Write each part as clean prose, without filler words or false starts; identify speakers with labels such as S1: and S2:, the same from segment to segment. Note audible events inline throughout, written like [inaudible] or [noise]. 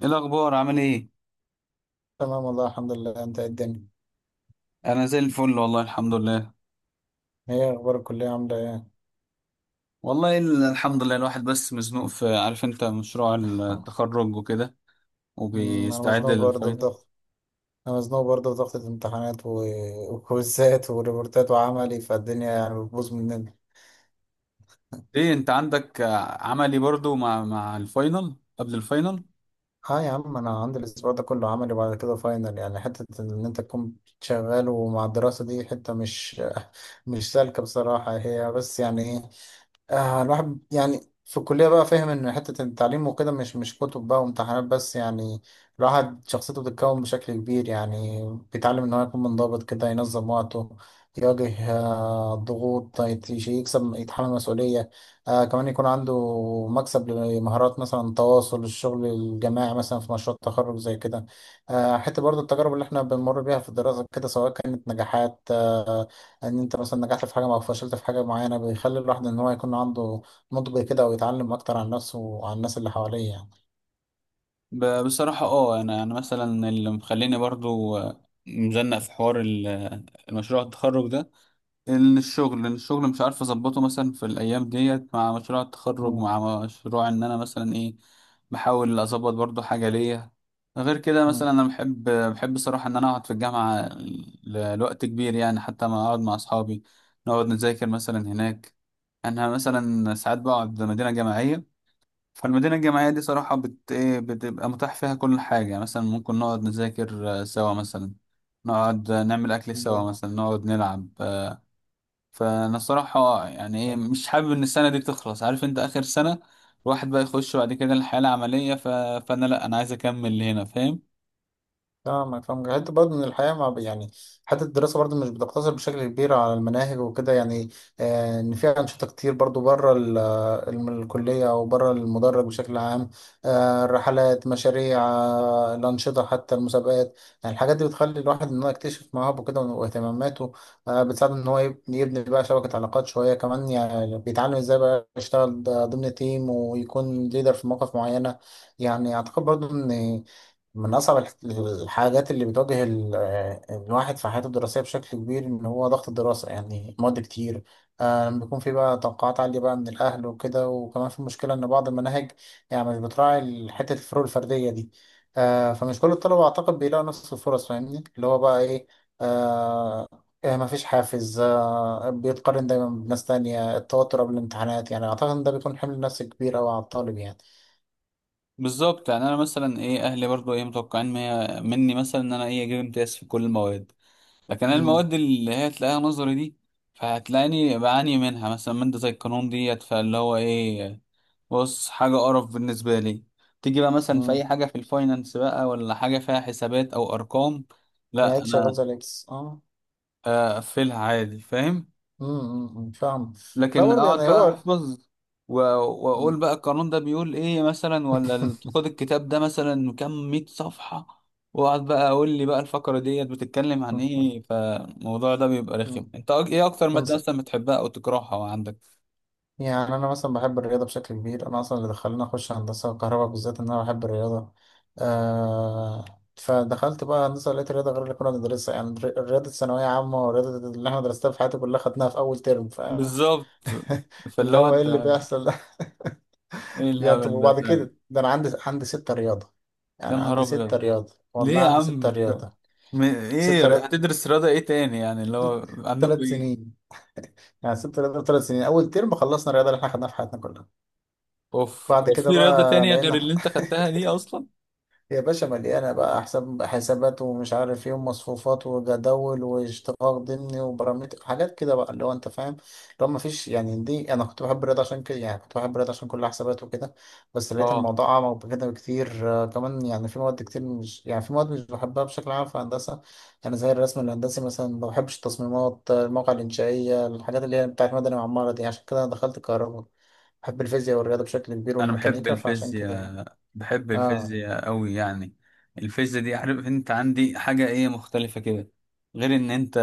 S1: ايه الاخبار، عامل ايه؟
S2: تمام، والله الحمد لله. انت ايه الدنيا؟
S1: انا زي الفل، والله الحمد لله.
S2: ايه اخبار الكلية، عاملة ايه؟
S1: والله الحمد لله، الواحد بس مزنوق في، عارف انت، مشروع
S2: [laughs]
S1: التخرج وكده.
S2: انا
S1: وبيستعد
S2: مزنوق برضه في
S1: للفاينل.
S2: ضغط. انا مزنوق برضه في ضغط الامتحانات وكويزات وريبورتات وعملي، فالدنيا يعني بتبوظ مننا.
S1: ايه انت عندك عملي برضو مع الفاينل، قبل الفاينل؟
S2: اه يا عم، انا عندي الاسبوع ده كله عملي وبعد كده فاينل. يعني حتة ان انت تكون شغال، ومع الدراسة دي حتة مش سالكة بصراحة. هي بس يعني ايه؟ الواحد يعني في الكلية بقى فاهم إن حتة التعليم وكده مش كتب بقى وامتحانات بس، يعني... الواحد شخصيته بتتكون بشكل كبير، يعني بيتعلم إن هو يكون منضبط كده، ينظم وقته، يواجه الضغوط، يكسب يتحمل مسؤولية. كمان يكون عنده مكسب لمهارات، مثلا تواصل، الشغل الجماعي مثلا في مشروع التخرج زي كده. حتى برضو، التجارب اللي احنا بنمر بيها في الدراسة كده، سواء كانت نجاحات، ان انت مثلا نجحت في حاجه او فشلت في حاجه معينه، بيخلي الواحد ان هو يكون عنده نضج كده، ويتعلم اكتر عن نفسه وعن الناس اللي حواليه، يعني...
S1: بصراحة انا مثلا اللي مخليني برضو مزنق في حوار المشروع التخرج ده. ان الشغل مش عارف اظبطه مثلا في الايام ديت، مع مشروع التخرج،
S2: مم.
S1: مع مشروع، ان انا مثلا ايه بحاول اظبط برضو حاجه ليا. غير كده
S2: مم.
S1: مثلا، انا بحب صراحه ان انا اقعد في الجامعه لوقت كبير، يعني حتى ما اقعد مع اصحابي، نقعد نذاكر مثلا هناك. انا مثلا ساعات بقعد مدينه جامعيه. فالمدينه الجامعيه دي صراحه بت ايه، بتبقى متاح فيها كل حاجه، مثلا ممكن نقعد نذاكر، سوا مثلا نقعد نعمل اكل سوا،
S2: جامد.
S1: مثلا نقعد نلعب. فانا الصراحه يعني ايه مش حابب ان السنه دي تخلص، عارف انت اخر سنه، الواحد بقى يخش بعد كده الحياه العمليه فانا لا، انا عايز اكمل هنا، فاهم؟
S2: فاهمك، فاهمك. حتى برضه من الحياة، مع يعني... حتى الدراسة برضه مش بتقتصر بشكل كبير على المناهج وكده، يعني... إن في أنشطة كتير برضه بره الكلية أو بره المدرج بشكل عام. الرحلات، مشاريع، الأنشطة، حتى المسابقات. يعني الحاجات دي بتخلي الواحد إن هو يكتشف مواهبه كده واهتماماته. بتساعده إن هو يبني بقى شبكة علاقات شوية كمان. يعني بيتعلم إزاي بقى يشتغل ضمن تيم ويكون ليدر في مواقف معينة. يعني أعتقد برضه إن من أصعب الحاجات اللي بتواجه الواحد في حياته الدراسية بشكل كبير، إن هو ضغط الدراسة، يعني مواد كتير. بيكون في بقى توقعات عالية بقى من الأهل وكده، وكمان في مشكلة إن بعض المناهج يعني مش بتراعي حتة الفروق الفردية دي. فمش كل الطلبة أعتقد بيلاقوا نفس الفرص. فاهمني اللي هو بقى إيه؟ آه، مفيش حافز، بيتقارن دايما بناس تانية، التوتر قبل الامتحانات. يعني أعتقد إن ده بيكون حمل نفسي كبير أوي على الطالب، يعني...
S1: بالظبط، يعني انا مثلا ايه اهلي برضو ايه متوقعين مني مثلا ان انا ايه اجيب امتياز في كل المواد، لكن انا
S2: مم.
S1: المواد اللي هي تلاقيها نظري دي فهتلاقيني بعاني منها، مثلا ماده زي القانون ديت، فاللي هو ايه، بص حاجه قرف بالنسبه لي. تيجي بقى مثلا في
S2: مم.
S1: اي حاجه في الفاينانس بقى، ولا حاجه فيها حسابات او ارقام،
S2: لا،
S1: لا،
S2: اكس شغال زي الاكس، اه.
S1: اقفلها عادي، فاهم؟
S2: فاهم. لا
S1: لكن
S2: برضه،
S1: اقعد
S2: يعني
S1: بقى
S2: هو...
S1: احفظ، و- واقول بقى القانون ده بيقول ايه مثلا، ولا خد
S2: [laughs]
S1: الكتاب ده مثلا كام مية صفحة، واقعد بقى اقول لي بقى الفقرة ديت بتتكلم عن ايه، فالموضوع ده بيبقى رخم.
S2: مم.
S1: انت ايه اكتر مادة
S2: بص،
S1: مثلا بتحبها او تكرهها وعندك؟
S2: يعني انا مثلا بحب الرياضه بشكل كبير. انا اصلا اللي دخلني اخش هندسه وكهرباء بالذات ان انا بحب الرياضه. آه فدخلت بقى هندسه، لقيت الرياضه غير اللي كنا بندرسها. يعني الرياضه الثانويه عامه والرياضه اللي احنا درستها في حياتي كلها خدناها في اول ترم، فاهم؟
S1: بالظبط، فاللي
S2: اللي
S1: هو
S2: هو ايه
S1: انت،
S2: اللي بيحصل ده؟
S1: ايه
S2: [laughs] يعني طب،
S1: الهبل ده
S2: وبعد
S1: فعلا!
S2: كده ده انا عندي ستة رياضه.
S1: يا
S2: يعني
S1: نهار
S2: عندي ستة
S1: ابيض!
S2: رياضه،
S1: ليه
S2: والله
S1: يا
S2: عندي
S1: عم
S2: ستة رياضه. ستة
S1: ايه
S2: رياضه
S1: هتدرس رياضة ايه تاني، يعني اللي هو عندكم
S2: ثلاث
S1: إيه؟
S2: سنين يعني سبت رياضة 3 سنين، أول ترم خلصنا الرياضة اللي احنا خدناها في حياتنا كلها.
S1: اوف،
S2: بعد
S1: هو
S2: كده
S1: في رياضة
S2: بقى
S1: تانية غير اللي
S2: لقينا.
S1: انت
S2: [laughs]
S1: خدتها دي اصلا؟
S2: يا باشا، مليانة بقى حساب، حسابات ومش عارف ايه، ومصفوفات وجداول واشتقاق ضمني وبرامتر، حاجات كده بقى، اللي هو انت فاهم. اللي هو مفيش يعني، دي انا كنت بحب الرياضة عشان كده، يعني كنت بحب الرياضة عشان كل حسابات وكده. بس لقيت
S1: اه،
S2: الموضوع أعمق بكده بكتير. كمان يعني في مواد كتير، مش، يعني في مواد مش بحبها بشكل عام في هندسة. يعني زي الرسم الهندسي مثلا، ما بحبش التصميمات، المواقع الإنشائية، الحاجات اللي هي بتاعت مدني وعمارة دي. عشان كده أنا دخلت كهرباء. بحب الفيزياء والرياضة بشكل كبير،
S1: انا بحب
S2: والميكانيكا، فعشان كده، يعني...
S1: الفيزياء، بحب
S2: اه.
S1: الفيزياء قوي يعني. الفيزياء دي، عارف انت، عندي حاجة ايه مختلفة كده، غير ان انت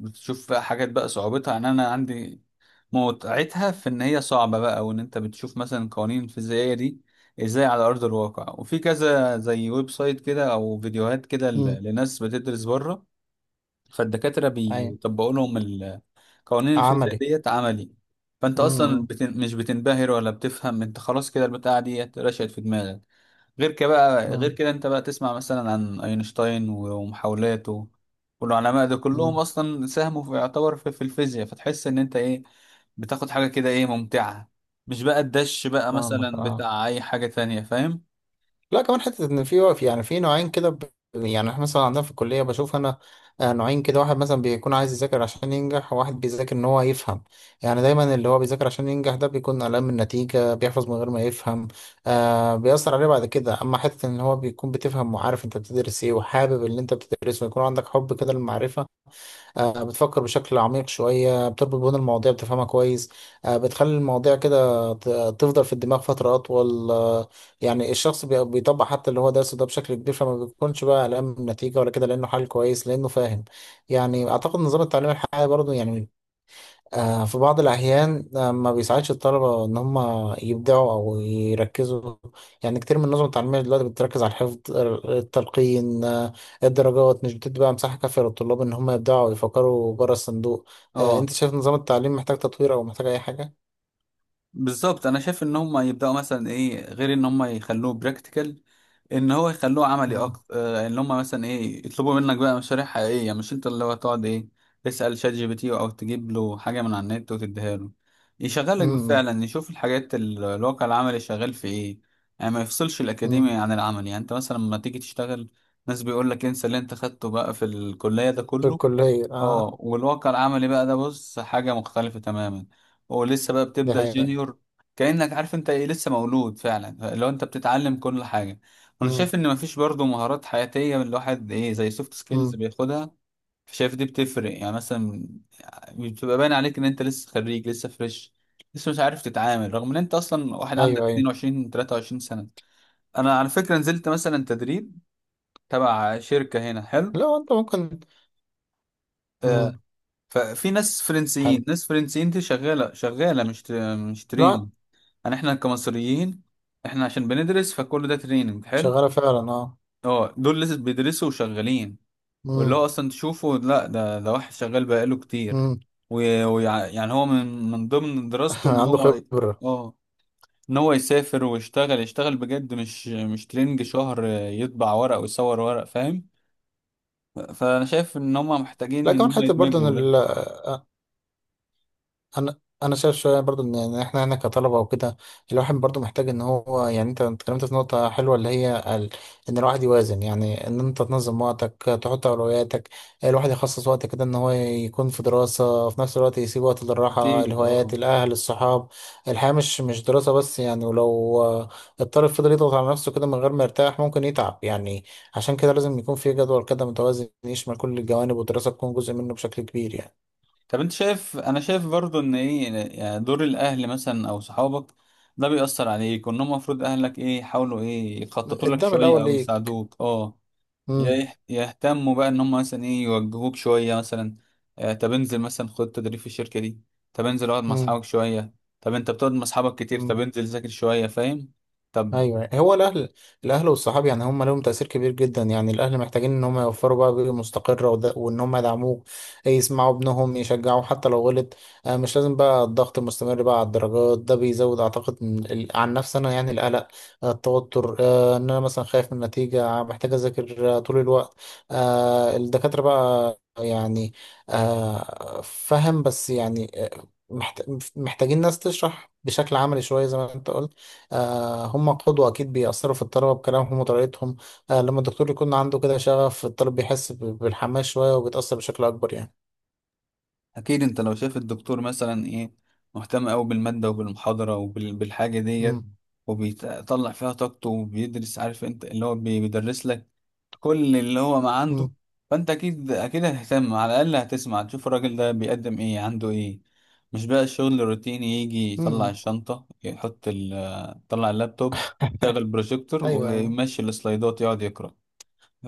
S1: بتشوف بقى حاجات بقى صعوبتها، ان انا عندي متعتها في ان هي صعبة بقى، وان انت بتشوف مثلا قوانين الفيزيائية دي ازاي على ارض الواقع، وفي كذا زي ويب سايت كده او فيديوهات كده
S2: امم.
S1: لناس بتدرس بره، فالدكاترة
S2: اي.
S1: بيطبقوا لهم قوانين الفيزياء
S2: عملي.
S1: ديت عملي. فانت
S2: امم.
S1: اصلا
S2: امم.
S1: مش بتنبهر ولا بتفهم، انت خلاص كده البتاعه ديت رشقت في دماغك. غير كده بقى، غير
S2: امم.
S1: كده انت بقى تسمع مثلا عن اينشتاين ومحاولاته والعلماء ده كلهم
S2: إمم.
S1: اصلا ساهموا في، يعتبر، في الفيزياء، فتحس ان انت ايه بتاخد حاجه كده ايه ممتعه، مش بقى الدش بقى
S2: فاهمك،
S1: مثلا
S2: اه.
S1: بتاع اي حاجه تانية، فاهم؟
S2: لا، كمان حته ان في وقف. يعني في نوعين كده ب... يعني احنا مثلا عندنا في الكليه بشوف انا نوعين كده. واحد مثلا بيكون عايز يذاكر عشان ينجح، وواحد بيذاكر ان هو يفهم. يعني دايما، اللي هو بيذاكر عشان ينجح ده بيكون قلقان من النتيجه، بيحفظ من غير ما يفهم. بيأثر عليه بعد كده. اما حته ان هو بيكون بتفهم وعارف انت بتدرس ايه، وحابب اللي انت بتدرسه، ويكون عندك حب كده للمعرفه. بتفكر بشكل عميق شوية، بتربط بين المواضيع، بتفهمها كويس. بتخلي المواضيع كده تفضل في الدماغ فترة أطول. يعني الشخص بيطبق حتى اللي هو درسه ده بشكل كبير. فما بيكونش بقى قلقان من النتيجة ولا كده، لأنه حل كويس، لأنه فاهم. يعني أعتقد نظام التعليم الحالي برضه، يعني في بعض الأحيان ما بيساعدش الطلبة إن هم يبدعوا أو يركزوا. يعني كتير من النظم التعليمية دلوقتي بتركز على الحفظ، التلقين، الدرجات مش بتدي بقى مساحة كافية للطلاب إن هم يبدعوا ويفكروا بره الصندوق.
S1: اه،
S2: أنت شايف نظام التعليم محتاج تطوير أو محتاج أي حاجة؟
S1: بالظبط. انا شايف ان هم يبداوا مثلا ايه غير ان هم يخلوه براكتيكال، ان هو يخلوه عملي
S2: مم.
S1: اكتر. ان هم مثلا ايه يطلبوا منك بقى مشاريع حقيقيه، مش انت اللي هو تقعد ايه تسال شات جي بي تي او تجيب له حاجه من على النت وتديها له. يشغلك
S2: مم.
S1: فعلا، يشوف الحاجات، الواقع العملي شغال في ايه، يعني ما يفصلش
S2: مم.
S1: الاكاديمي عن العمل. يعني انت مثلا لما تيجي تشتغل، ناس بيقول لك انسى اللي انت خدته بقى في الكليه ده
S2: في
S1: كله.
S2: الكلية، أه.
S1: اه، والواقع العملي بقى ده بص حاجة مختلفة تماما، هو لسه بقى
S2: دي
S1: بتبدأ
S2: حقيقة.
S1: جونيور، كأنك عارف انت ايه، لسه مولود فعلا، لو انت بتتعلم كل حاجة. انا
S2: مم.
S1: شايف ان مفيش برضو مهارات حياتية من الواحد ايه، زي سوفت سكيلز
S2: مم.
S1: بياخدها. شايف دي بتفرق يعني، مثلا بتبقى باين عليك ان انت لسه خريج، لسه فريش، لسه مش عارف تتعامل، رغم ان انت اصلا واحد عندك
S2: أيوه، أيوه.
S1: 22 23 سنة. انا على فكرة نزلت مثلا تدريب تبع شركة هنا حلو،
S2: لا، أنت ممكن. مم.
S1: ففي ناس
S2: حلو.
S1: فرنسيين، دي شغالة، شغالة، مش
S2: لا،
S1: تريننج. احنا كمصريين، احنا عشان بندرس، فكل ده تريننج حلو.
S2: شغالة فعلا، أه.
S1: اه، دول لسه بيدرسوا وشغالين، واللي
S2: مم.
S1: هو اصلا تشوفه، لا ده واحد شغال بقاله كتير،
S2: مم.
S1: يعني هو من ضمن
S2: [laughs]
S1: دراسته ان
S2: عنده
S1: هو،
S2: خبرة.
S1: اه ان هو يسافر ويشتغل، يشتغل بجد، مش تريننج شهر يطبع ورق ويصور ورق، فاهم؟ فانا شايف ان هم محتاجين
S2: لا،
S1: ان
S2: كمان
S1: هم
S2: حتى برضه ان
S1: يدمجوا ده.
S2: انا شايف شويه برضه إن احنا هنا كطلبه وكده. الواحد برضه محتاج ان هو، يعني انت اتكلمت في نقطه حلوه اللي هي ال... ان الواحد يوازن، يعني ان انت تنظم وقتك، تحط اولوياتك. الواحد يخصص وقت كده ان هو يكون في دراسه، في نفس الوقت يسيب وقت للراحه،
S1: اكيد،
S2: الهوايات،
S1: اه.
S2: الاهل، الصحاب. الحياه مش دراسه بس يعني، ولو الطالب فضل يضغط على نفسه كده من غير ما يرتاح ممكن يتعب، يعني... عشان كده لازم يكون في جدول كده متوازن يشمل كل الجوانب، والدراسه تكون جزء منه بشكل كبير، يعني...
S1: طب انت شايف، انا شايف برضو ان ايه، يعني دور الاهل مثلا او صحابك، ده بيأثر عليك، وان هم المفروض، اهلك ايه يحاولوا ايه يخططوا لك
S2: الدم
S1: شوية
S2: الأول
S1: او
S2: ليه؟
S1: يساعدوك
S2: مم.
S1: يهتموا بقى ان هم مثلا ايه يوجهوك شوية، مثلا طب انزل مثلا خد تدريب في الشركة دي، طب انزل اقعد مع
S2: مم.
S1: اصحابك شوية، طب انت بتقعد مع اصحابك كتير، طب
S2: مم.
S1: انزل ذاكر شوية، فاهم؟ طب
S2: ايوه، هو الاهل. الاهل والصحاب يعني هم لهم تاثير كبير جدا. يعني الاهل محتاجين ان هم يوفروا بقى بيئه مستقره وده، وان هم يدعموك، يسمعوا ابنهم، يشجعوه حتى لو غلط. مش لازم بقى الضغط المستمر بقى على الدرجات، ده بيزود اعتقد عن نفسي انا، يعني القلق، التوتر، ان انا مثلا خايف من النتيجه، محتاج اذاكر طول الوقت. الدكاتره بقى، يعني فهم بس، يعني محت- محتاجين ناس تشرح بشكل عملي شويه زي ما انت قلت. هم قدوة أكيد، بيأثروا في الطلبة بكلامهم وطريقتهم. لما الدكتور يكون عنده كده شغف، الطالب بيحس بالحماس شوية، وبيتأثر بشكل أكبر، يعني...
S1: اكيد، انت لو شايف الدكتور مثلا ايه مهتم قوي بالماده وبالمحاضره وبالحاجه ديت،
S2: مم.
S1: وبيطلع فيها طاقته، وبيدرس، عارف انت اللي هو بيدرس لك كل اللي هو ما عنده،
S2: مم.
S1: فانت اكيد اكيد هتهتم، على الاقل هتسمع تشوف الراجل ده بيقدم ايه، عنده ايه. مش بقى الشغل الروتيني، يجي يطلع
S2: مم.
S1: الشنطه، يحط يطلع اللابتوب، يشغل
S2: [laughs]
S1: البروجيكتور
S2: أيوه، أيوه.
S1: ويمشي السلايدات، يقعد يقرا.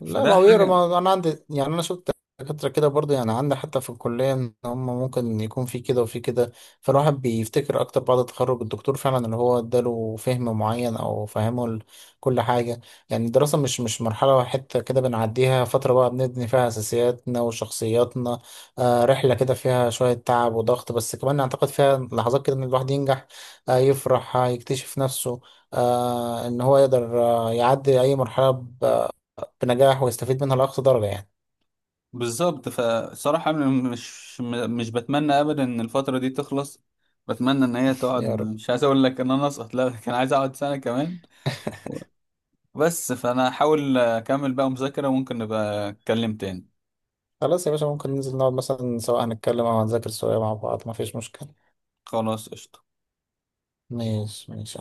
S2: لا، ما
S1: فده
S2: هو يقرا،
S1: حاجه.
S2: ما انا عندي. يعني انا شفت دكاترة كده برضه، يعني عندي حتى في الكلية، ان هم ممكن يكون في كده وفي كده. فالواحد بيفتكر اكتر بعد التخرج الدكتور فعلا اللي هو اداله فهم معين، او فهمه كل حاجة. يعني الدراسة مش مرحلة واحدة كده بنعديها، فترة بقى بنبني فيها اساسياتنا وشخصياتنا. رحلة كده فيها شوية تعب وضغط، بس كمان اعتقد فيها لحظات كده ان الواحد ينجح، يفرح، يكتشف نفسه، ان هو يقدر يعدي اي مرحلة بنجاح ويستفيد منها لأقصى درجة، يعني...
S1: بالظبط، فصراحة أنا مش بتمنى أبدا إن الفترة دي تخلص، بتمنى إن هي
S2: يا
S1: تقعد.
S2: رب.
S1: مش عايز أقول لك إن أنا أسقط، لا، كان عايز أقعد سنة كمان بس. فأنا هحاول أكمل بقى مذاكرة، وممكن نبقى أتكلم تاني.
S2: خلاص يا باشا، ممكن ننزل نقعد مثلا، سواء هنتكلم أو هنذاكر سوا مع بعض، مفيش مشكلة.
S1: خلاص، قشطة.
S2: ماشي، ماشي.